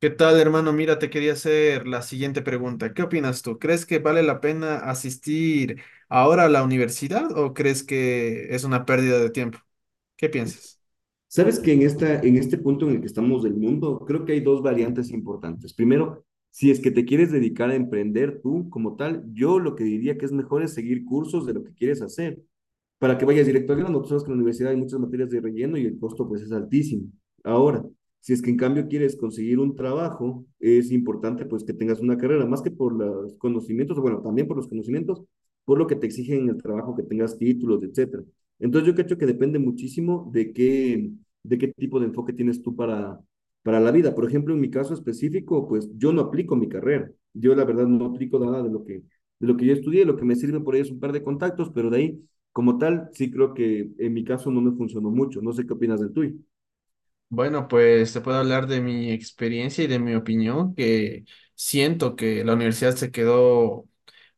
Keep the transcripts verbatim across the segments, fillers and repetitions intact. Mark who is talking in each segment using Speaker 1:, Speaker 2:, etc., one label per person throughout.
Speaker 1: ¿Qué tal, hermano? Mira, te quería hacer la siguiente pregunta. ¿Qué opinas tú? ¿Crees que vale la pena asistir ahora a la universidad o crees que es una pérdida de tiempo? ¿Qué piensas?
Speaker 2: Sabes que en esta, en este punto en el que estamos del mundo, creo que hay dos variantes importantes. Primero, si es que te quieres dedicar a emprender tú como tal, yo lo que diría que es mejor es seguir cursos de lo que quieres hacer para que vayas directo al grano. Tú sabes que en la universidad hay muchas materias de relleno y el costo pues es altísimo. Ahora, si es que en cambio quieres conseguir un trabajo, es importante pues que tengas una carrera, más que por los conocimientos, bueno, también por los conocimientos, por lo que te exigen en el trabajo, que tengas títulos, etcétera. Entonces yo creo que depende muchísimo de qué, de qué tipo de enfoque tienes tú para, para la vida. Por ejemplo, en mi caso específico, pues yo no aplico mi carrera. Yo la verdad no aplico nada de lo que, de lo que yo estudié. Lo que me sirve por ahí es un par de contactos, pero de ahí como tal, sí creo que en mi caso no me funcionó mucho. No sé qué opinas del tuyo.
Speaker 1: Bueno, pues te puedo hablar de mi experiencia y de mi opinión, que siento que la universidad se quedó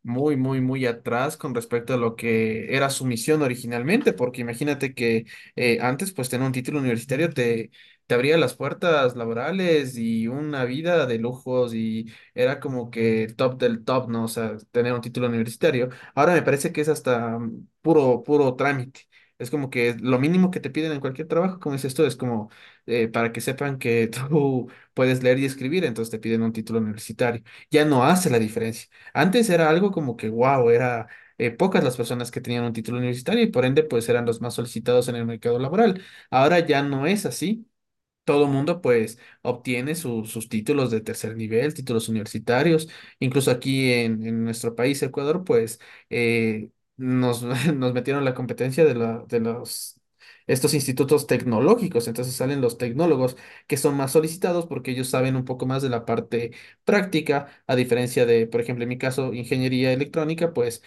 Speaker 1: muy, muy, muy atrás con respecto a lo que era su misión originalmente, porque imagínate que eh, antes pues tener un título universitario te, te abría las puertas laborales y una vida de lujos y era como que el top del top, ¿no? O sea, tener un título universitario. Ahora me parece que es hasta mm, puro, puro trámite. Es como que lo mínimo que te piden en cualquier trabajo, como dices tú, es como eh, para que sepan que tú puedes leer y escribir, entonces te piden un título universitario. Ya no hace la diferencia. Antes era algo como que wow, era eh, pocas las personas que tenían un título universitario y por ende pues eran los más solicitados en el mercado laboral. Ahora ya no es así. Todo mundo pues obtiene su- sus títulos de tercer nivel, títulos universitarios. Incluso aquí en, en nuestro país, Ecuador, pues eh, nos, nos metieron la competencia de, la- de los... estos institutos tecnológicos, entonces salen los tecnólogos que son más solicitados porque ellos saben un poco más de la parte práctica, a diferencia de, por ejemplo, en mi caso, ingeniería electrónica, pues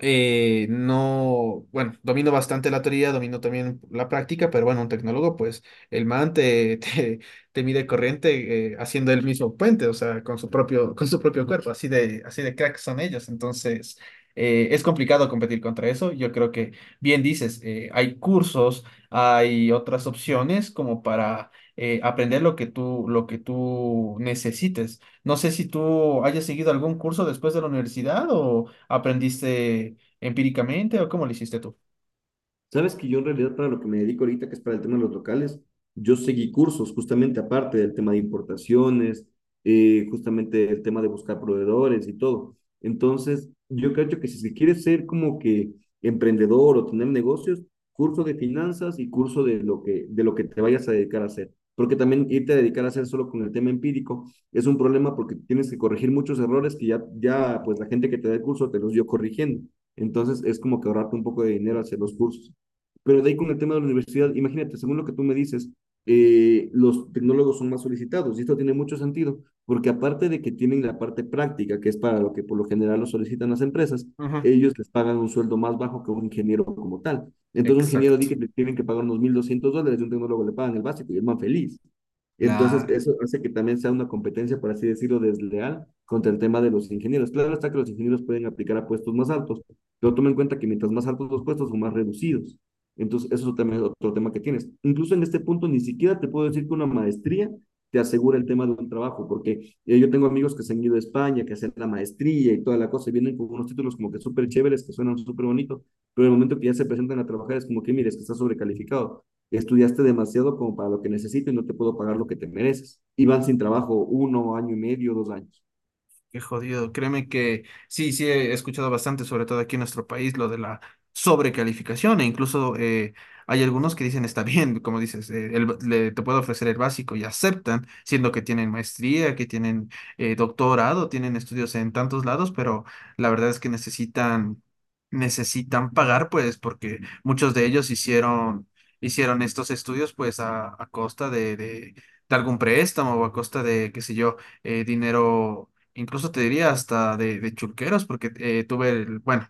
Speaker 1: eh, no, bueno, domino bastante la teoría, domino también la práctica, pero bueno, un tecnólogo, pues el man te, te, te mide corriente eh, haciendo el mismo puente, o sea, con su propio, con su propio cuerpo, así de, así de crack son ellos. Entonces, eh, es complicado competir contra eso. Yo creo que, bien dices, eh, hay cursos, hay otras opciones como para eh, aprender lo que tú, lo que tú necesites. No sé si tú hayas seguido algún curso después de la universidad o... ¿Aprendiste empíricamente o cómo lo hiciste tú?
Speaker 2: Sabes que yo en realidad para lo que me dedico ahorita, que es para el tema de los locales, yo seguí cursos justamente aparte del tema de importaciones, eh, justamente el tema de buscar proveedores y todo. Entonces, yo creo que si se quiere ser como que emprendedor o tener negocios, curso de finanzas y curso de lo que, de lo que te vayas a dedicar a hacer. Porque también irte a dedicar a hacer solo con el tema empírico es un problema porque tienes que corregir muchos errores que ya, ya pues la gente que te da el curso te los dio corrigiendo. Entonces, es como que ahorrarte un poco de dinero hacer los cursos. Pero de ahí con el tema de la universidad, imagínate, según lo que tú me dices, eh, los tecnólogos son más solicitados y esto tiene mucho sentido, porque aparte de que tienen la parte práctica, que es para lo que por lo general lo solicitan las empresas,
Speaker 1: Ujú.
Speaker 2: ellos les pagan un sueldo más bajo que un ingeniero como tal. Entonces, un ingeniero di
Speaker 1: Exacto.
Speaker 2: que le tienen que pagar unos mil doscientos dólares y un tecnólogo le pagan el básico y es más feliz. Entonces,
Speaker 1: Claro.
Speaker 2: eso hace que también sea una competencia, por así decirlo, desleal contra el tema de los ingenieros. Claro está que los ingenieros pueden aplicar a puestos más altos, pero toma en cuenta que mientras más altos los puestos son más reducidos. Entonces, eso también es otro tema que tienes. Incluso en este punto, ni siquiera te puedo decir que una maestría te asegura el tema de un trabajo, porque eh, yo tengo amigos que se han ido a España, que hacen la maestría y toda la cosa, y vienen con unos títulos como que súper chéveres, que suenan súper bonitos, pero el momento que ya se presentan a trabajar es como que, mire, es que estás sobrecalificado, estudiaste demasiado como para lo que necesito y no te puedo pagar lo que te mereces. Y van sin trabajo uno, año y medio, dos años.
Speaker 1: Qué jodido. Créeme que sí, sí he escuchado bastante, sobre todo aquí en nuestro país, lo de la sobrecalificación e incluso eh, hay algunos que dicen está bien, como dices, eh, el ba- le- te puedo ofrecer el básico y aceptan, siendo que tienen maestría, que tienen eh, doctorado, tienen estudios en tantos lados, pero la verdad es que necesitan, necesitan pagar, pues, porque muchos de ellos hicieron, hicieron estos estudios, pues, a, a costa de, de de algún préstamo o a costa de, qué sé yo, eh, dinero, incluso te diría hasta de, de chulqueros, porque eh, tuve el, bueno,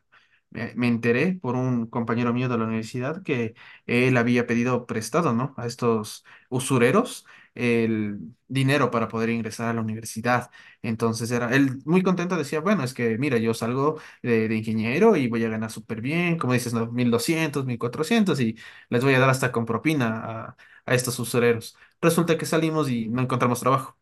Speaker 1: me, me enteré por un compañero mío de la universidad que él había pedido prestado, ¿no? A estos usureros el dinero para poder ingresar a la universidad. Entonces era, él muy contento decía, bueno, es que mira, yo salgo de, de ingeniero y voy a ganar súper bien, como dices, ¿no? Mil doscientos, mil cuatrocientos, y les voy a dar hasta con propina a, a estos usureros. Resulta que salimos y no
Speaker 2: ¿Mm?
Speaker 1: encontramos trabajo.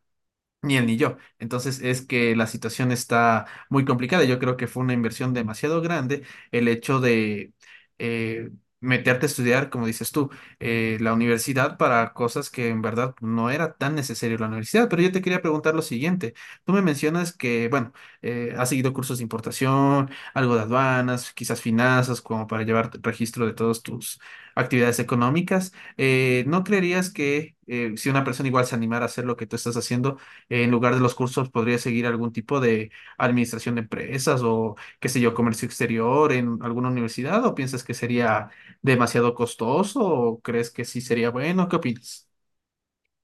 Speaker 1: Ni él ni yo. Entonces es que la situación está muy complicada. Yo creo que fue una inversión demasiado grande el hecho de eh, meterte a estudiar, como dices tú, eh, la universidad para cosas que en verdad no era tan necesario la universidad. Pero yo te quería preguntar lo siguiente. Tú me mencionas que, bueno, eh, has seguido cursos de importación, algo de aduanas, quizás finanzas, como para llevar registro de todas tus actividades económicas. Eh, no creerías que, eh, si una persona igual se animara a hacer lo que tú estás haciendo, en lugar de los cursos, podría seguir algún tipo de administración de empresas o, qué sé yo, comercio exterior en alguna universidad, o piensas que sería demasiado costoso, o crees que sí sería bueno? ¿Qué opinas?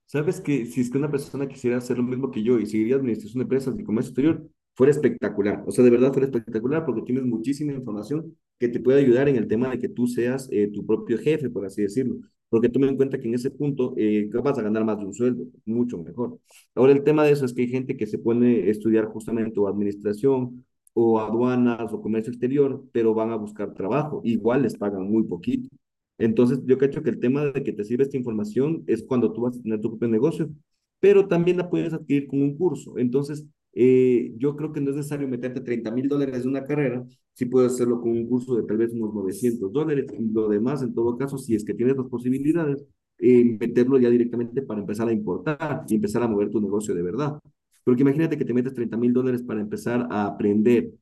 Speaker 2: Sabes que si es que una persona quisiera hacer lo mismo que yo y seguiría administración de empresas y comercio exterior, fuera espectacular. O sea, de verdad fuera espectacular porque tienes muchísima información que te puede ayudar en el tema de que tú seas eh, tu propio jefe, por así decirlo. Porque toma en cuenta que en ese punto eh, vas a ganar más de un sueldo, mucho mejor. Ahora, el tema de eso es que hay gente que se pone a estudiar justamente o administración o aduanas o comercio exterior, pero van a buscar trabajo. Igual les pagan muy poquito. Entonces, yo cacho que el tema de que te sirve esta información es cuando tú vas a tener tu propio negocio, pero también la puedes adquirir con un curso. Entonces, eh, yo creo que no es necesario meterte treinta mil dólares de una carrera, si puedes hacerlo con un curso de tal vez unos novecientos dólares y lo demás, en todo caso, si es que tienes las posibilidades, eh, meterlo ya directamente para empezar a importar y empezar a mover tu negocio de verdad. Porque imagínate que te metes treinta mil dólares para empezar a aprender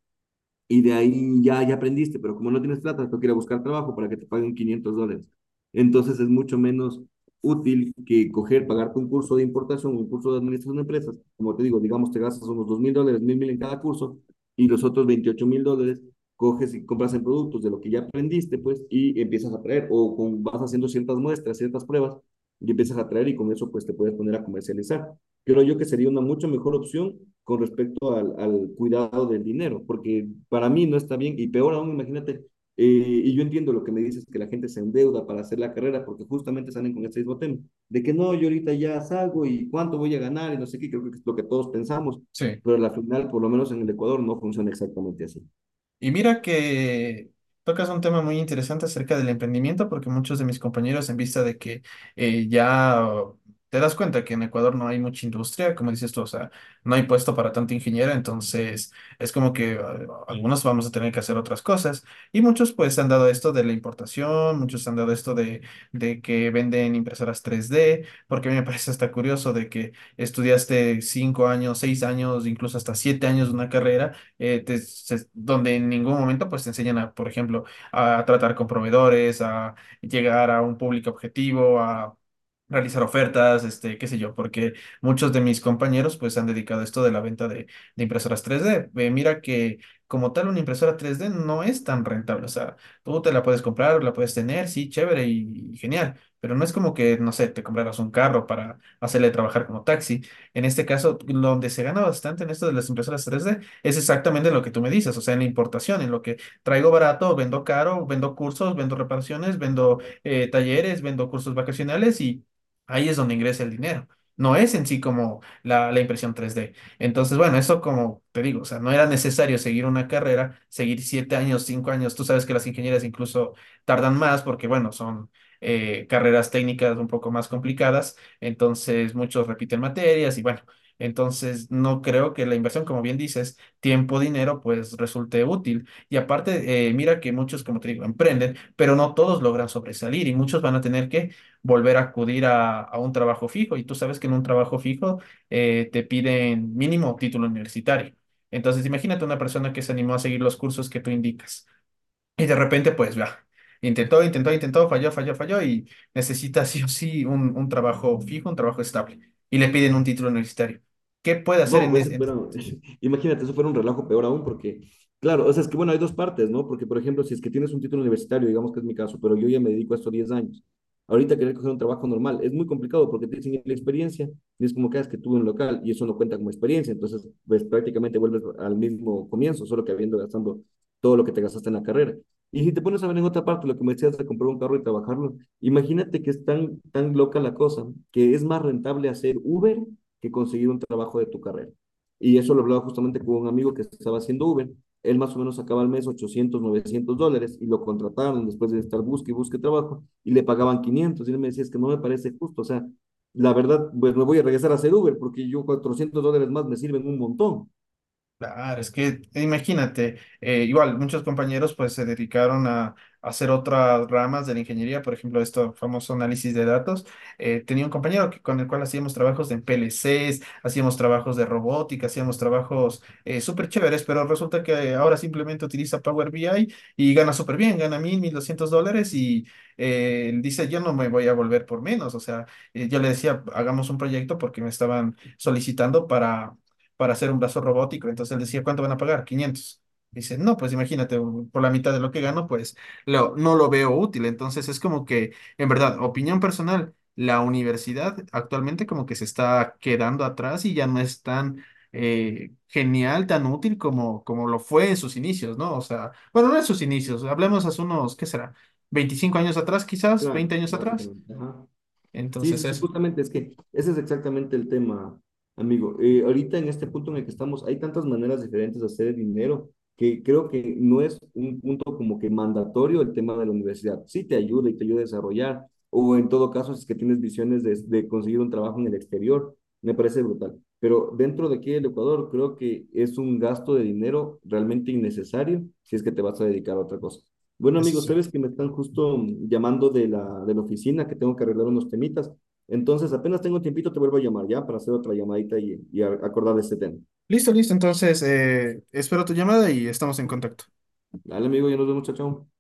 Speaker 2: y de ahí ya, ya aprendiste, pero como no tienes plata, toca ir a buscar trabajo para que te paguen quinientos dólares. Entonces es mucho menos útil que coger, pagarte un curso de importación, un curso de administración de empresas. Como te digo, digamos, te gastas unos dos mil dólares, mil mil en cada curso y los otros veintiocho mil dólares coges y compras en productos de lo que ya aprendiste, pues, y empiezas a traer o con, vas haciendo ciertas muestras, ciertas pruebas y empiezas a traer y con eso pues te puedes poner a comercializar creo yo que sería una mucho mejor opción con respecto al, al cuidado del dinero, porque para mí no está bien, y peor aún, imagínate, eh, y yo entiendo lo que me dices, que la gente se endeuda para hacer la carrera, porque justamente salen con este mismo tema, de que no, yo ahorita ya salgo y cuánto voy a ganar y no sé qué, creo que es lo que todos pensamos,
Speaker 1: Sí.
Speaker 2: pero al final, por lo menos en el Ecuador, no funciona exactamente así.
Speaker 1: Y mira que tocas un tema muy interesante acerca del emprendimiento, porque muchos de mis compañeros, en vista de que eh, ya oh, te das cuenta que en Ecuador no hay mucha industria, como dices tú, o sea, no hay puesto para tanta ingeniera, entonces es como que eh, algunos vamos a tener que hacer otras cosas. Y muchos pues han dado esto de la importación, muchos han dado esto de, de que venden impresoras tres d, porque a mí me parece hasta curioso de que estudiaste cinco años, seis años, incluso hasta siete años de una carrera, eh, te- se- donde en ningún momento pues te enseñan a, por ejemplo, a tratar con proveedores, a llegar a un público objetivo, a realizar ofertas, este, qué sé yo, porque muchos de mis compañeros pues se han dedicado a esto de la venta de, de impresoras tres D. Eh, mira que como tal una impresora tres D no es tan rentable, o sea, tú te la puedes comprar, la puedes tener, sí, chévere y, y genial, pero no es como que, no sé, te compraras un carro para hacerle trabajar como taxi. En este caso, donde se gana bastante en esto de las impresoras tres D es exactamente lo que tú me dices, o sea, en la importación, en lo que traigo barato, vendo caro, vendo cursos, vendo reparaciones, vendo eh, talleres, vendo cursos vacacionales, y ahí es donde ingresa el dinero. No es en sí como la, la impresión tres d. Entonces, bueno, eso como te digo, o sea, no era necesario seguir una carrera, seguir siete años, cinco años. Tú sabes que las ingenierías incluso tardan más porque, bueno, son eh, carreras técnicas un poco más complicadas. Entonces, muchos repiten materias y bueno, entonces no creo que la inversión, como bien dices, tiempo, dinero, pues resulte útil. Y aparte, eh, mira que muchos, como te digo, emprenden, pero no todos logran sobresalir y muchos van a tener que volver a acudir a, a un trabajo fijo. Y tú sabes que en un trabajo fijo eh, te piden mínimo título universitario. Entonces, imagínate una persona que se animó a seguir los cursos que tú indicas y de repente, pues, va. Intentó, intentó, intentó, falló, falló, falló y necesita sí o sí un, un trabajo fijo, un trabajo estable, y le piden un título universitario. ¿Qué puede hacer
Speaker 2: No,
Speaker 1: en,
Speaker 2: pues eso
Speaker 1: ese-
Speaker 2: fuera, imagínate, eso fuera un relajo peor aún, porque, claro, o sea, es que bueno, hay dos partes, ¿no? Porque, por ejemplo, si es que tienes un título universitario, digamos que es mi caso, pero yo ya me dedico a esto diez años, ahorita querer coger un trabajo normal es muy complicado porque te dicen "¿Y la experiencia, y es como que "Ah, es que tuve un local y eso no cuenta como experiencia, entonces, pues prácticamente vuelves al mismo comienzo, solo que habiendo gastando todo lo que te gastaste en la carrera. Y si te pones a ver en otra parte lo que me decías de comprar un carro y trabajarlo, imagínate que es tan, tan loca la cosa, que es más rentable hacer Uber que conseguir un trabajo de tu carrera. Y eso lo hablaba justamente con un amigo que estaba haciendo Uber. Él más o menos sacaba al mes ochocientos novecientos dólares y lo contrataron después de estar busque y busque trabajo y le pagaban quinientos. Y él me decía, es que no me parece justo. O sea, la verdad, pues me voy a regresar a hacer Uber porque yo cuatrocientos dólares más me sirven un montón.
Speaker 1: Claro, es que eh, imagínate, eh, igual muchos compañeros pues se dedicaron a, a hacer otras ramas de la ingeniería, por ejemplo, esto famoso análisis de datos. Eh, tenía un compañero que- con el cual hacíamos trabajos en P L Ces, hacíamos trabajos de robótica, hacíamos trabajos eh, súper chéveres, pero resulta que ahora simplemente utiliza Power B I y gana súper bien, gana mil, mil doscientos dólares, y eh, él dice, yo no me voy a volver por menos. O sea, eh, yo le decía, hagamos un proyecto porque me estaban solicitando para hacer un brazo robótico. Entonces él decía, ¿cuánto van a pagar? Quinientos. Dice, no, pues imagínate, un- por la mitad de lo que gano, pues lo, no lo veo útil. Entonces es como que, en verdad, opinión personal, la universidad actualmente como que se está quedando atrás y ya no es tan eh, genial, tan útil como, como lo fue en sus inicios, ¿no? O sea, bueno, no en sus inicios, hablemos hace unos, ¿qué será? Veinticinco años atrás, quizás,
Speaker 2: Claro,
Speaker 1: veinte años atrás.
Speaker 2: básicamente. Ajá. Sí, sí,
Speaker 1: Entonces
Speaker 2: sí,
Speaker 1: eso,
Speaker 2: justamente es que ese es exactamente el tema, amigo. Eh, ahorita en este punto en el que estamos, hay tantas maneras diferentes de hacer dinero que creo que no es un punto como que mandatorio el tema de la universidad. Sí te ayuda y te ayuda a desarrollar, o en todo caso, si es que tienes visiones de, de conseguir un trabajo en el exterior, me parece brutal. Pero dentro de aquí del Ecuador, creo que es un gasto de dinero realmente innecesario si es que te vas a dedicar a otra cosa. Bueno,
Speaker 1: eso
Speaker 2: amigo,
Speaker 1: sí.
Speaker 2: sabes que me están justo mm, llamando de la, de la oficina, que tengo que arreglar unos temitas. Entonces, apenas tengo tiempito, te vuelvo a llamar ya para hacer otra llamadita y, y a- acordar de este tema.
Speaker 1: Listo, listo. Entonces, eh, espero tu llamada y estamos en contacto.
Speaker 2: Dale, amigo, ya nos vemos, chao, chao.